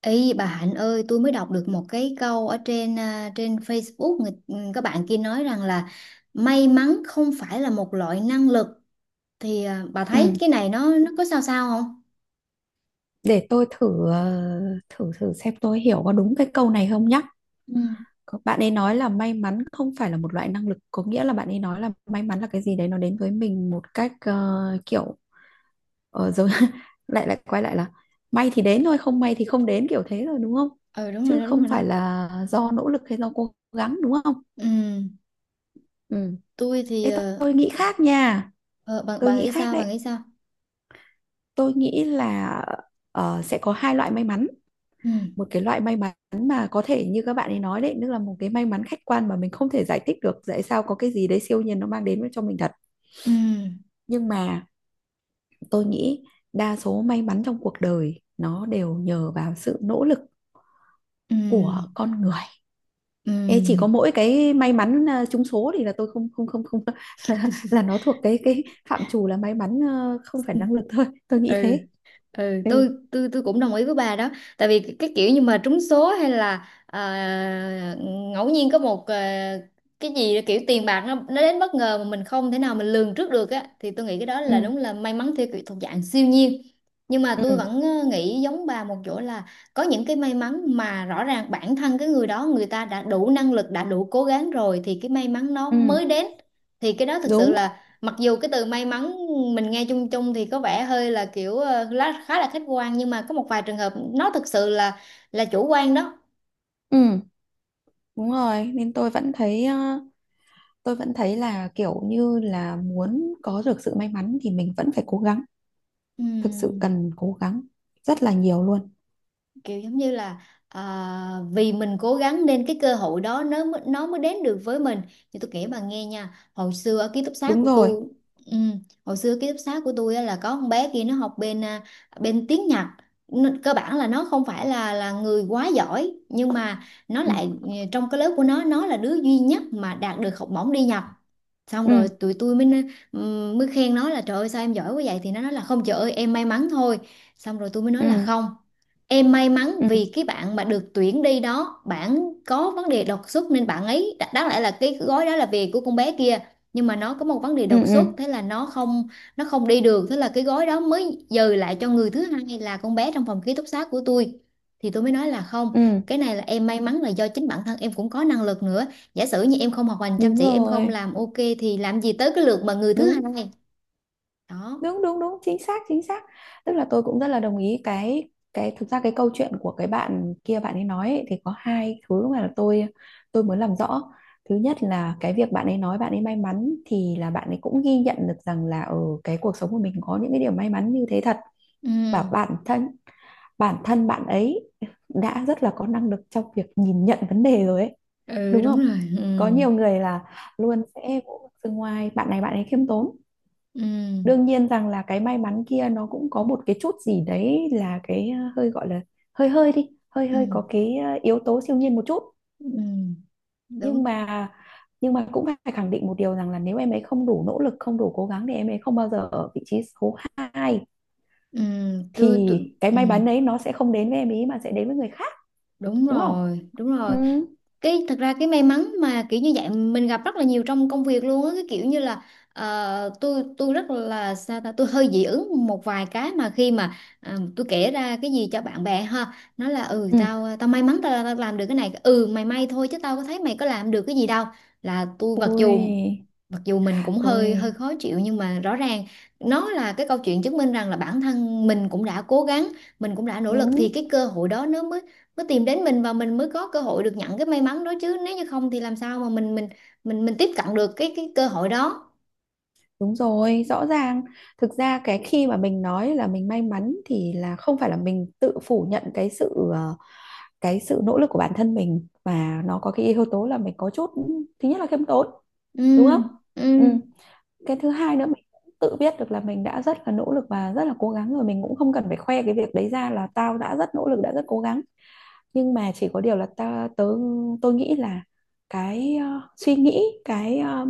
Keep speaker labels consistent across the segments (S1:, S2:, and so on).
S1: Ý bà Hạnh ơi, tôi mới đọc được một cái câu ở trên, trên Facebook, các bạn kia nói rằng là may mắn không phải là một loại năng lực, thì, bà thấy
S2: Ừ,
S1: cái này nó có sao sao không?
S2: để tôi thử ờ, thử thử xem tôi hiểu có đúng cái câu này không nhá.
S1: Ừ,
S2: Bạn ấy nói là may mắn không phải là một loại năng lực, có nghĩa là bạn ấy nói là may mắn là cái gì đấy nó đến với mình một cách kiểu giống lại lại quay lại là may thì đến thôi, không may thì không đến kiểu thế rồi đúng không?
S1: ừ đúng rồi
S2: Chứ
S1: đó, đúng
S2: không
S1: rồi đó.
S2: phải là do nỗ lực hay do cố gắng đúng không?
S1: Ừ,
S2: Ừ.
S1: tôi thì
S2: Ê, tôi, tôi nghĩ khác nha,
S1: ờ, bà,
S2: tôi
S1: bà
S2: nghĩ
S1: nghĩ
S2: khác
S1: sao, bà
S2: đấy.
S1: nghĩ sao?
S2: Tôi nghĩ là sẽ có hai loại may mắn,
S1: Ừ,
S2: một cái loại may mắn mà có thể như các bạn ấy nói đấy, tức là một cái may mắn khách quan mà mình không thể giải thích được tại sao có cái gì đấy siêu nhiên nó mang đến cho mình thật.
S1: ừ,
S2: Nhưng mà tôi nghĩ đa số may mắn trong cuộc đời nó đều nhờ vào sự nỗ lực
S1: ừ,
S2: của con người.
S1: ừ.
S2: Ê, chỉ có mỗi cái may mắn trúng số thì là tôi không không không không là nó thuộc cái phạm trù là may mắn không phải năng lực thôi. Tôi nghĩ
S1: ừ
S2: thế.
S1: ừ
S2: Ừ.
S1: tôi cũng đồng ý với bà đó, tại vì cái kiểu như mà trúng số hay là, ngẫu nhiên có một, cái gì kiểu tiền bạc nó đến bất ngờ mà mình không thể nào mình lường trước được á, thì tôi nghĩ cái đó là
S2: Ừ.
S1: đúng là may mắn theo kiểu thuộc dạng siêu nhiên. Nhưng mà tôi
S2: Ừ.
S1: vẫn nghĩ giống bà một chỗ là có những cái may mắn mà rõ ràng bản thân cái người đó, người ta đã đủ năng lực, đã đủ cố gắng rồi thì cái may mắn nó
S2: Ừ.
S1: mới đến. Thì cái đó thực sự
S2: Đúng.
S1: là, mặc dù cái từ may mắn mình nghe chung chung thì có vẻ hơi là kiểu, khá là khách quan, nhưng mà có một vài trường hợp nó thực sự là chủ quan đó.
S2: Ừ. Đúng rồi, nên tôi vẫn thấy là kiểu như là muốn có được sự may mắn thì mình vẫn phải cố gắng, thực sự
S1: Ừm.
S2: cần cố gắng rất là nhiều luôn.
S1: Kiểu giống như là, à, vì mình cố gắng nên cái cơ hội đó nó mới đến được với mình. Thì tôi kể bà nghe nha, hồi xưa ở ký túc xá
S2: Đúng
S1: của
S2: rồi.
S1: tôi, ừ, hồi xưa ký túc xá của tôi á là có con bé kia, nó học bên, bên tiếng Nhật. Cơ bản là nó không phải là người quá giỏi, nhưng mà nó
S2: Ừ,
S1: lại, trong cái lớp của nó là đứa duy nhất mà đạt được học bổng đi Nhật. Xong rồi
S2: ừ,
S1: tụi tôi mới mới khen nó là, trời ơi sao em giỏi quá vậy, thì nó nói là, không trời ơi em may mắn thôi. Xong rồi tôi mới nói là,
S2: ừ,
S1: không. Em may mắn
S2: ừ,
S1: vì cái bạn mà được tuyển đi đó, bạn có vấn đề đột xuất nên bạn ấy đáng lẽ là cái gói đó là về của con bé kia, nhưng mà nó có một vấn đề
S2: ừ,
S1: đột
S2: ừ,
S1: xuất, thế là nó không đi được, thế là cái gói đó mới dời lại cho người thứ hai là con bé trong phòng ký túc xá của tôi. Thì tôi mới nói là, không,
S2: ừ.
S1: cái này là em may mắn là do chính bản thân em cũng có năng lực nữa. Giả sử như em không học hành chăm
S2: Đúng
S1: chỉ, em không
S2: rồi,
S1: làm ok thì làm gì tới cái lượt mà người thứ
S2: đúng,
S1: hai. Đó.
S2: đúng, đúng, đúng, chính xác, chính xác. Tức là tôi cũng rất là đồng ý cái thực ra cái câu chuyện của cái bạn kia bạn ấy nói ấy, thì có hai thứ mà là tôi muốn làm rõ. Thứ nhất là cái việc bạn ấy nói bạn ấy may mắn thì là bạn ấy cũng ghi nhận được rằng là ở cái cuộc sống của mình có những cái điều may mắn như thế thật,
S1: Ừ.
S2: và bản thân bạn ấy đã rất là có năng lực trong việc nhìn nhận vấn đề rồi ấy,
S1: Ừ
S2: đúng
S1: đúng
S2: không?
S1: rồi. Ừ.
S2: Có nhiều người là luôn sẽ vỗ từ ngoài bạn này, bạn ấy khiêm tốn,
S1: Ừ.
S2: đương nhiên rằng là cái may mắn kia nó cũng có một cái chút gì đấy là cái hơi gọi là hơi hơi đi hơi
S1: Ừ.
S2: hơi có cái yếu tố siêu nhiên một chút.
S1: Ừ,
S2: nhưng
S1: đúng.
S2: mà nhưng mà cũng phải khẳng định một điều rằng là nếu em ấy không đủ nỗ lực không đủ cố gắng thì em ấy không bao giờ ở vị trí số hai,
S1: ừ,
S2: thì
S1: tôi, tôi
S2: cái
S1: ừ,
S2: may mắn đấy nó sẽ không đến với em ý mà sẽ đến với người khác,
S1: đúng
S2: đúng không?
S1: rồi, đúng
S2: Ừ,
S1: rồi. Cái thật ra cái may mắn mà kiểu như vậy mình gặp rất là nhiều trong công việc luôn á, cái kiểu như là, tôi rất là sao ta, tôi hơi dị ứng một vài cái mà khi mà, tôi kể ra cái gì cho bạn bè ha, nó là, ừ
S2: ừ.
S1: tao tao may mắn tao, tao làm được cái này, ừ mày may thôi chứ tao có thấy mày có làm được cái gì đâu. Là tôi mặc dù,
S2: Ui,
S1: mình cũng hơi hơi
S2: ui.
S1: khó chịu, nhưng mà rõ ràng nó là cái câu chuyện chứng minh rằng là bản thân mình cũng đã cố gắng, mình cũng đã nỗ lực thì
S2: Đúng,
S1: cái cơ hội đó nó mới mới tìm đến mình, và mình mới có cơ hội được nhận cái may mắn đó, chứ nếu như không thì làm sao mà mình tiếp cận được cái cơ hội đó.
S2: đúng rồi, rõ ràng. Thực ra cái khi mà mình nói là mình may mắn thì là không phải là mình tự phủ nhận cái sự nỗ lực của bản thân mình, và nó có cái yếu tố là mình có chút, thứ nhất là khiêm tốn, đúng
S1: Ừ,
S2: không?
S1: ừ,
S2: Ừ. Cái thứ hai nữa, mình cũng tự biết được là mình đã rất là nỗ lực và rất là cố gắng rồi, mình cũng không cần phải khoe cái việc đấy ra là tao đã rất nỗ lực đã rất cố gắng. Nhưng mà chỉ có điều là ta tớ tôi nghĩ là cái suy nghĩ cái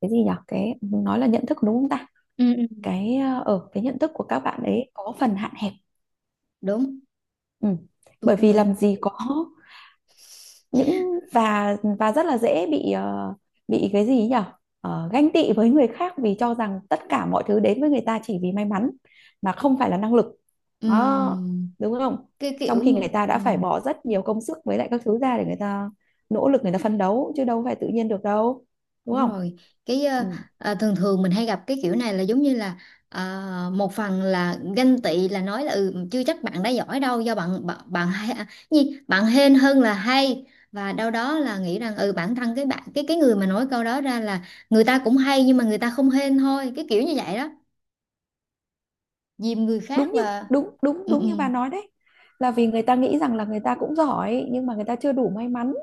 S2: cái gì nhở, cái nói là nhận thức, đúng không ta?
S1: ừ, ừ
S2: Cái ở cái nhận thức của các bạn ấy có phần hạn hẹp.
S1: đúng,
S2: Ừ.
S1: tôi
S2: Bởi
S1: cũng
S2: vì
S1: nghĩ.
S2: làm gì có những, và rất là dễ bị cái gì nhỉ, ganh tị với người khác vì cho rằng tất cả mọi thứ đến với người ta chỉ vì may mắn mà không phải là năng lực, đó,
S1: Ừ,
S2: đúng không?
S1: cái kiểu.
S2: Trong khi người ta đã
S1: Ừ.
S2: phải bỏ rất nhiều công sức với lại các thứ ra để người ta nỗ lực, người ta phấn đấu, chứ đâu phải tự nhiên được đâu, đúng
S1: Đúng
S2: không?
S1: rồi, cái ờ,
S2: Ừ.
S1: thường thường mình hay gặp cái kiểu này là giống như là, một phần là ganh tị, là nói là, ừ, chưa chắc bạn đã giỏi đâu, do bạn bạn, bạn hay, gì, bạn hên hơn là hay, và đâu đó là nghĩ rằng ừ, bản thân cái bạn cái người mà nói câu đó ra là, người ta cũng hay nhưng mà người ta không hên thôi, cái kiểu như vậy đó, dìm người khác
S2: đúng như
S1: và,
S2: Đúng, đúng,
S1: ừ,
S2: đúng như
S1: ừ.
S2: bà nói đấy, là vì người ta nghĩ rằng là người ta cũng giỏi nhưng mà người ta chưa đủ may mắn,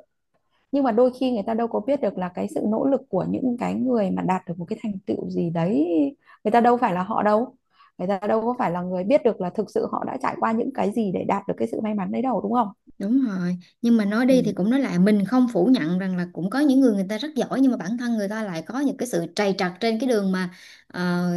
S2: nhưng mà đôi khi người ta đâu có biết được là cái sự nỗ lực của những cái người mà đạt được một cái thành tựu gì đấy, người ta đâu phải là họ đâu, người ta đâu có phải là người biết được là thực sự họ đã trải qua những cái gì để đạt được cái sự may mắn đấy đâu, đúng không?
S1: Đúng rồi, nhưng mà nói đi
S2: Ừ,
S1: thì cũng nói lại, mình không phủ nhận rằng là cũng có những người người ta rất giỏi, nhưng mà bản thân người ta lại có những cái sự trầy trật trên cái đường mà, ờ,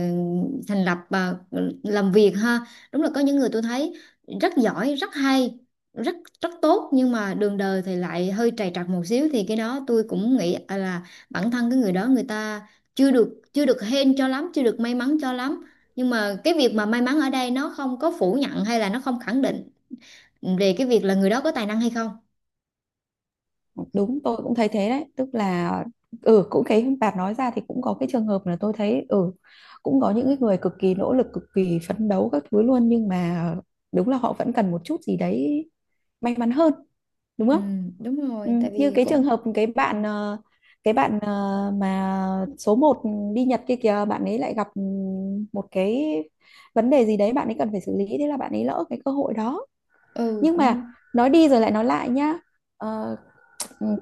S1: thành lập, làm việc ha. Đúng là có những người tôi thấy rất giỏi, rất hay, rất rất tốt, nhưng mà đường đời thì lại hơi trầy trật một xíu, thì cái đó tôi cũng nghĩ, là bản thân cái người đó, người ta chưa được hên cho lắm, chưa được may mắn cho lắm. Nhưng mà cái việc mà may mắn ở đây nó không có phủ nhận hay là nó không khẳng định về cái việc là người đó có tài năng hay không.
S2: đúng, tôi cũng thấy thế đấy, tức là ừ, cũng cái bạn nói ra thì cũng có cái trường hợp là tôi thấy ừ, cũng có những cái người cực kỳ nỗ lực cực kỳ phấn đấu các thứ luôn, nhưng mà đúng là họ vẫn cần một chút gì đấy may mắn hơn, đúng
S1: Ừ,
S2: không?
S1: đúng
S2: Ừ,
S1: rồi, tại
S2: như
S1: vì
S2: cái trường hợp cái bạn ờ, mà số một đi Nhật kia kìa, bạn ấy lại gặp một cái vấn đề gì đấy bạn ấy cần phải xử lý, thế là bạn ấy lỡ cái cơ hội đó. Nhưng mà
S1: cũng
S2: nói đi rồi lại nói lại nhá. Ờ,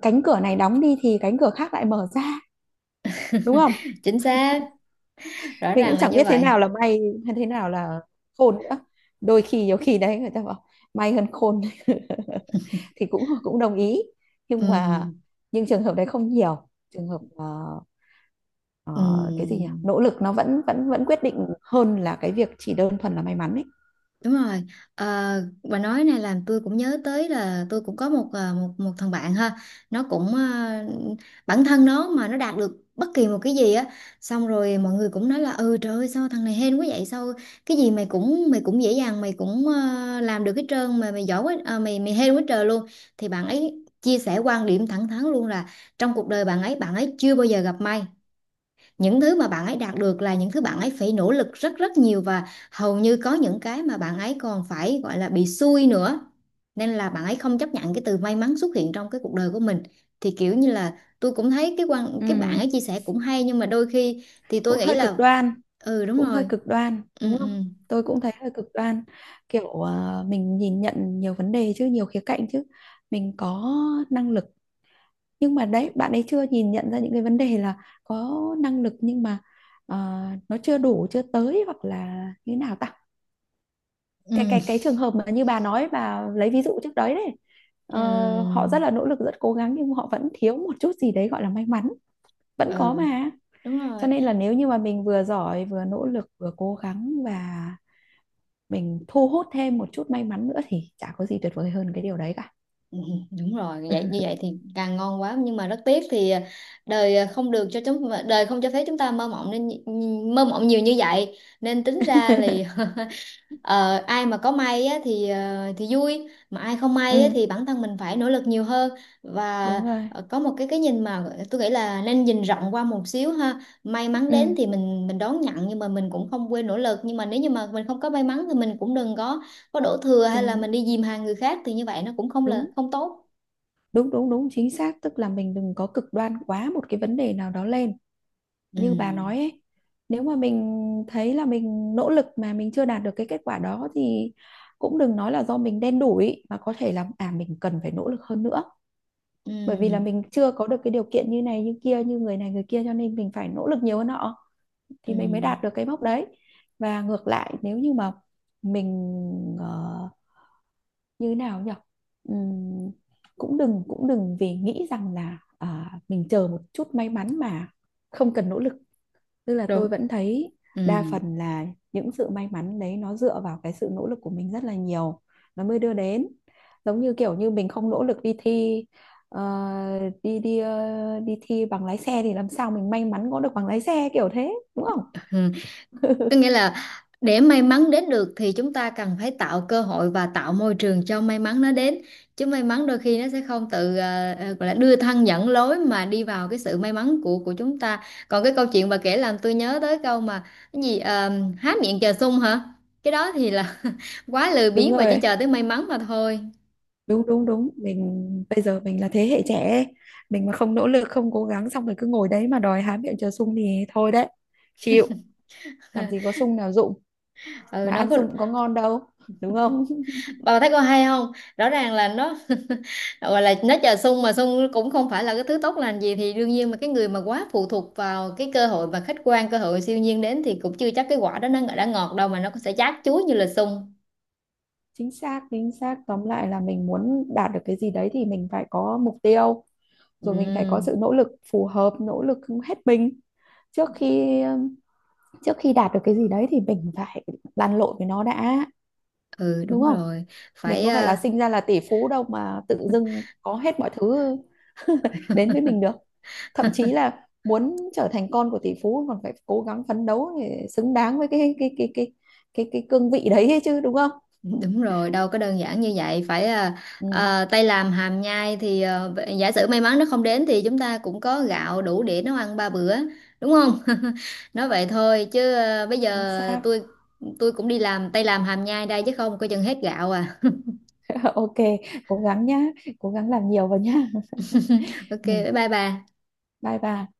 S2: Cánh cửa này đóng đi thì cánh cửa khác lại mở ra, đúng không?
S1: chính xác, rõ
S2: Mình cũng
S1: ràng là
S2: chẳng
S1: như
S2: biết thế
S1: vậy.
S2: nào là may hay thế nào là khôn nữa, đôi khi nhiều khi đấy người ta bảo may hơn khôn thì cũng cũng đồng ý, nhưng mà
S1: Ừm,
S2: trường hợp đấy không nhiều, trường hợp ờ, cái gì nhỉ,
S1: ừm.
S2: nỗ lực nó vẫn vẫn vẫn quyết định hơn là cái việc chỉ đơn thuần là may mắn ấy.
S1: Đúng rồi. Ờ, bà nói này làm tôi cũng nhớ tới là tôi cũng có một, ờ, một một thằng bạn ha. Nó cũng, bản thân nó mà nó đạt được bất kỳ một cái gì á, xong rồi mọi người cũng nói là, ừ trời ơi sao thằng này hên quá vậy, sao cái gì mày cũng, mày cũng dễ dàng, mày cũng, làm được hết trơn, mà mày giỏi quá, mày mày hên quá trời luôn. Thì bạn ấy chia sẻ quan điểm thẳng thắn luôn là, trong cuộc đời bạn ấy, chưa bao giờ gặp may, những thứ mà bạn ấy đạt được là những thứ bạn ấy phải nỗ lực rất rất nhiều, và hầu như có những cái mà bạn ấy còn phải gọi là bị xui nữa. Nên là bạn ấy không chấp nhận cái từ may mắn xuất hiện trong cái cuộc đời của mình. Thì kiểu như là tôi cũng thấy cái bạn
S2: Ừ,
S1: ấy chia sẻ cũng hay, nhưng mà đôi khi thì tôi
S2: cũng
S1: nghĩ
S2: hơi cực
S1: là,
S2: đoan
S1: ừ đúng
S2: cũng hơi
S1: rồi.
S2: cực đoan
S1: Ừ,
S2: đúng
S1: ừ,
S2: không, tôi cũng thấy hơi cực đoan. Kiểu mình nhìn nhận nhiều vấn đề chứ, nhiều khía cạnh chứ, mình có năng lực, nhưng mà đấy, bạn ấy chưa nhìn nhận ra những cái vấn đề là có năng lực nhưng mà ờ, nó chưa đủ, chưa tới, hoặc là như thế nào ta.
S1: ừ,
S2: Cái trường hợp mà như bà nói, bà lấy ví dụ trước đấy đấy, ờ,
S1: ừ,
S2: họ rất là nỗ lực, rất cố gắng, nhưng họ vẫn thiếu một chút gì đấy gọi là may mắn, vẫn
S1: ừ
S2: có mà.
S1: đúng
S2: Cho
S1: rồi.
S2: nên là nếu như mà mình vừa giỏi vừa nỗ lực vừa cố gắng và mình thu hút thêm một chút may mắn nữa thì chả có gì tuyệt vời hơn cái điều đấy cả.
S1: Ừ, đúng rồi, vậy như vậy thì càng ngon quá, nhưng mà rất tiếc thì, đời, à, không được cho chúng đời không cho phép chúng ta mơ mộng, nên mơ mộng nhiều như vậy nên tính ra thì Ờ, ai mà có may á thì, vui, mà ai không may á
S2: Ừ,
S1: thì bản thân mình phải nỗ lực nhiều hơn, và
S2: đúng rồi,
S1: có một cái nhìn mà tôi nghĩ là nên nhìn rộng qua một xíu ha, may mắn đến
S2: ừ,
S1: thì mình đón nhận, nhưng mà mình cũng không quên nỗ lực, nhưng mà nếu như mà mình không có may mắn thì mình cũng đừng có đổ thừa hay là
S2: đừng
S1: mình đi dìm hàng người khác, thì như vậy nó cũng không
S2: đúng,
S1: là không tốt.
S2: đúng, đúng, đúng, chính xác, tức là mình đừng có cực đoan quá một cái vấn đề nào đó lên. Như bà
S1: Ừ,
S2: nói ấy, nếu mà mình thấy là mình nỗ lực mà mình chưa đạt được cái kết quả đó thì cũng đừng nói là do mình đen đủi, mà có thể là à, mình cần phải nỗ lực hơn nữa,
S1: ừ,
S2: bởi vì là mình chưa có được cái điều kiện như này như kia, như người này người kia, cho nên mình phải nỗ lực nhiều hơn họ thì
S1: ừ
S2: mình mới đạt được cái mốc đấy. Và ngược lại, nếu như mà mình ờ, như thế nào nhỉ, ừm, cũng đừng vì nghĩ rằng là à, mình chờ một chút may mắn mà không cần nỗ lực, tức là tôi
S1: đúng,
S2: vẫn thấy
S1: ừ.
S2: đa phần là những sự may mắn đấy nó dựa vào cái sự nỗ lực của mình rất là nhiều, nó mới đưa đến, giống như kiểu như mình không nỗ lực đi thi ờ, đi đi ờ, đi thi bằng lái xe thì làm sao mình may mắn có được bằng lái xe kiểu thế, đúng không?
S1: Có nghĩa là, để may mắn đến được thì chúng ta cần phải tạo cơ hội và tạo môi trường cho may mắn nó đến. Chứ may mắn đôi khi nó sẽ không tự, gọi là đưa thân dẫn lối mà đi vào cái sự may mắn của chúng ta. Còn cái câu chuyện bà kể làm tôi nhớ tới câu mà, cái gì, há miệng chờ sung hả? Cái đó thì là quá lười
S2: Đúng
S1: biếng và chỉ
S2: rồi,
S1: chờ tới may mắn mà thôi.
S2: đúng, đúng, đúng, mình bây giờ mình là thế hệ trẻ ấy. Mình mà không nỗ lực không cố gắng xong rồi cứ ngồi đấy mà đòi há miệng chờ sung thì thôi đấy, chịu, làm gì có sung nào dụng,
S1: Ừ
S2: mà
S1: nó
S2: ăn
S1: có,
S2: sung cũng có ngon đâu, đúng không?
S1: bà thấy có hay không, rõ ràng là nó gọi là nó chờ sung, mà sung cũng không phải là cái thứ tốt lành gì, thì đương nhiên mà cái người mà quá phụ thuộc vào cái cơ hội và khách quan, cơ hội siêu nhiên đến thì cũng chưa chắc cái quả đó nó đã ngọt đâu, mà nó cũng sẽ chát chuối như là sung.
S2: Chính xác, chính xác, tóm lại là mình muốn đạt được cái gì đấy thì mình phải có mục tiêu, rồi mình phải có
S1: Ừ,
S2: sự nỗ lực phù hợp, nỗ lực hết mình, trước khi trước khi đạt được cái gì đấy thì mình phải lăn lộn với nó đã,
S1: ừ
S2: đúng
S1: đúng
S2: không?
S1: rồi,
S2: Mình
S1: phải,
S2: có phải là sinh ra là tỷ phú đâu mà tự dưng có hết mọi thứ đến với mình được, thậm chí là muốn trở thành con của tỷ phú còn phải cố gắng phấn đấu để xứng đáng với cái cương vị đấy ấy chứ, đúng không?
S1: Đúng rồi, đâu có đơn giản như vậy, phải,
S2: Ừ.
S1: tay làm hàm nhai thì, giả sử may mắn nó không đến thì chúng ta cũng có gạo đủ để nấu ăn 3 bữa, đúng không? Nói vậy thôi chứ, bây
S2: Chính
S1: giờ
S2: xác.
S1: tôi, cũng đi làm tay làm hàm nhai đây chứ không coi chừng hết gạo à.
S2: OK, cố gắng nhá, cố gắng làm nhiều vào nhá.
S1: Ok,
S2: Ừ,
S1: bye bye bà.
S2: bye bye.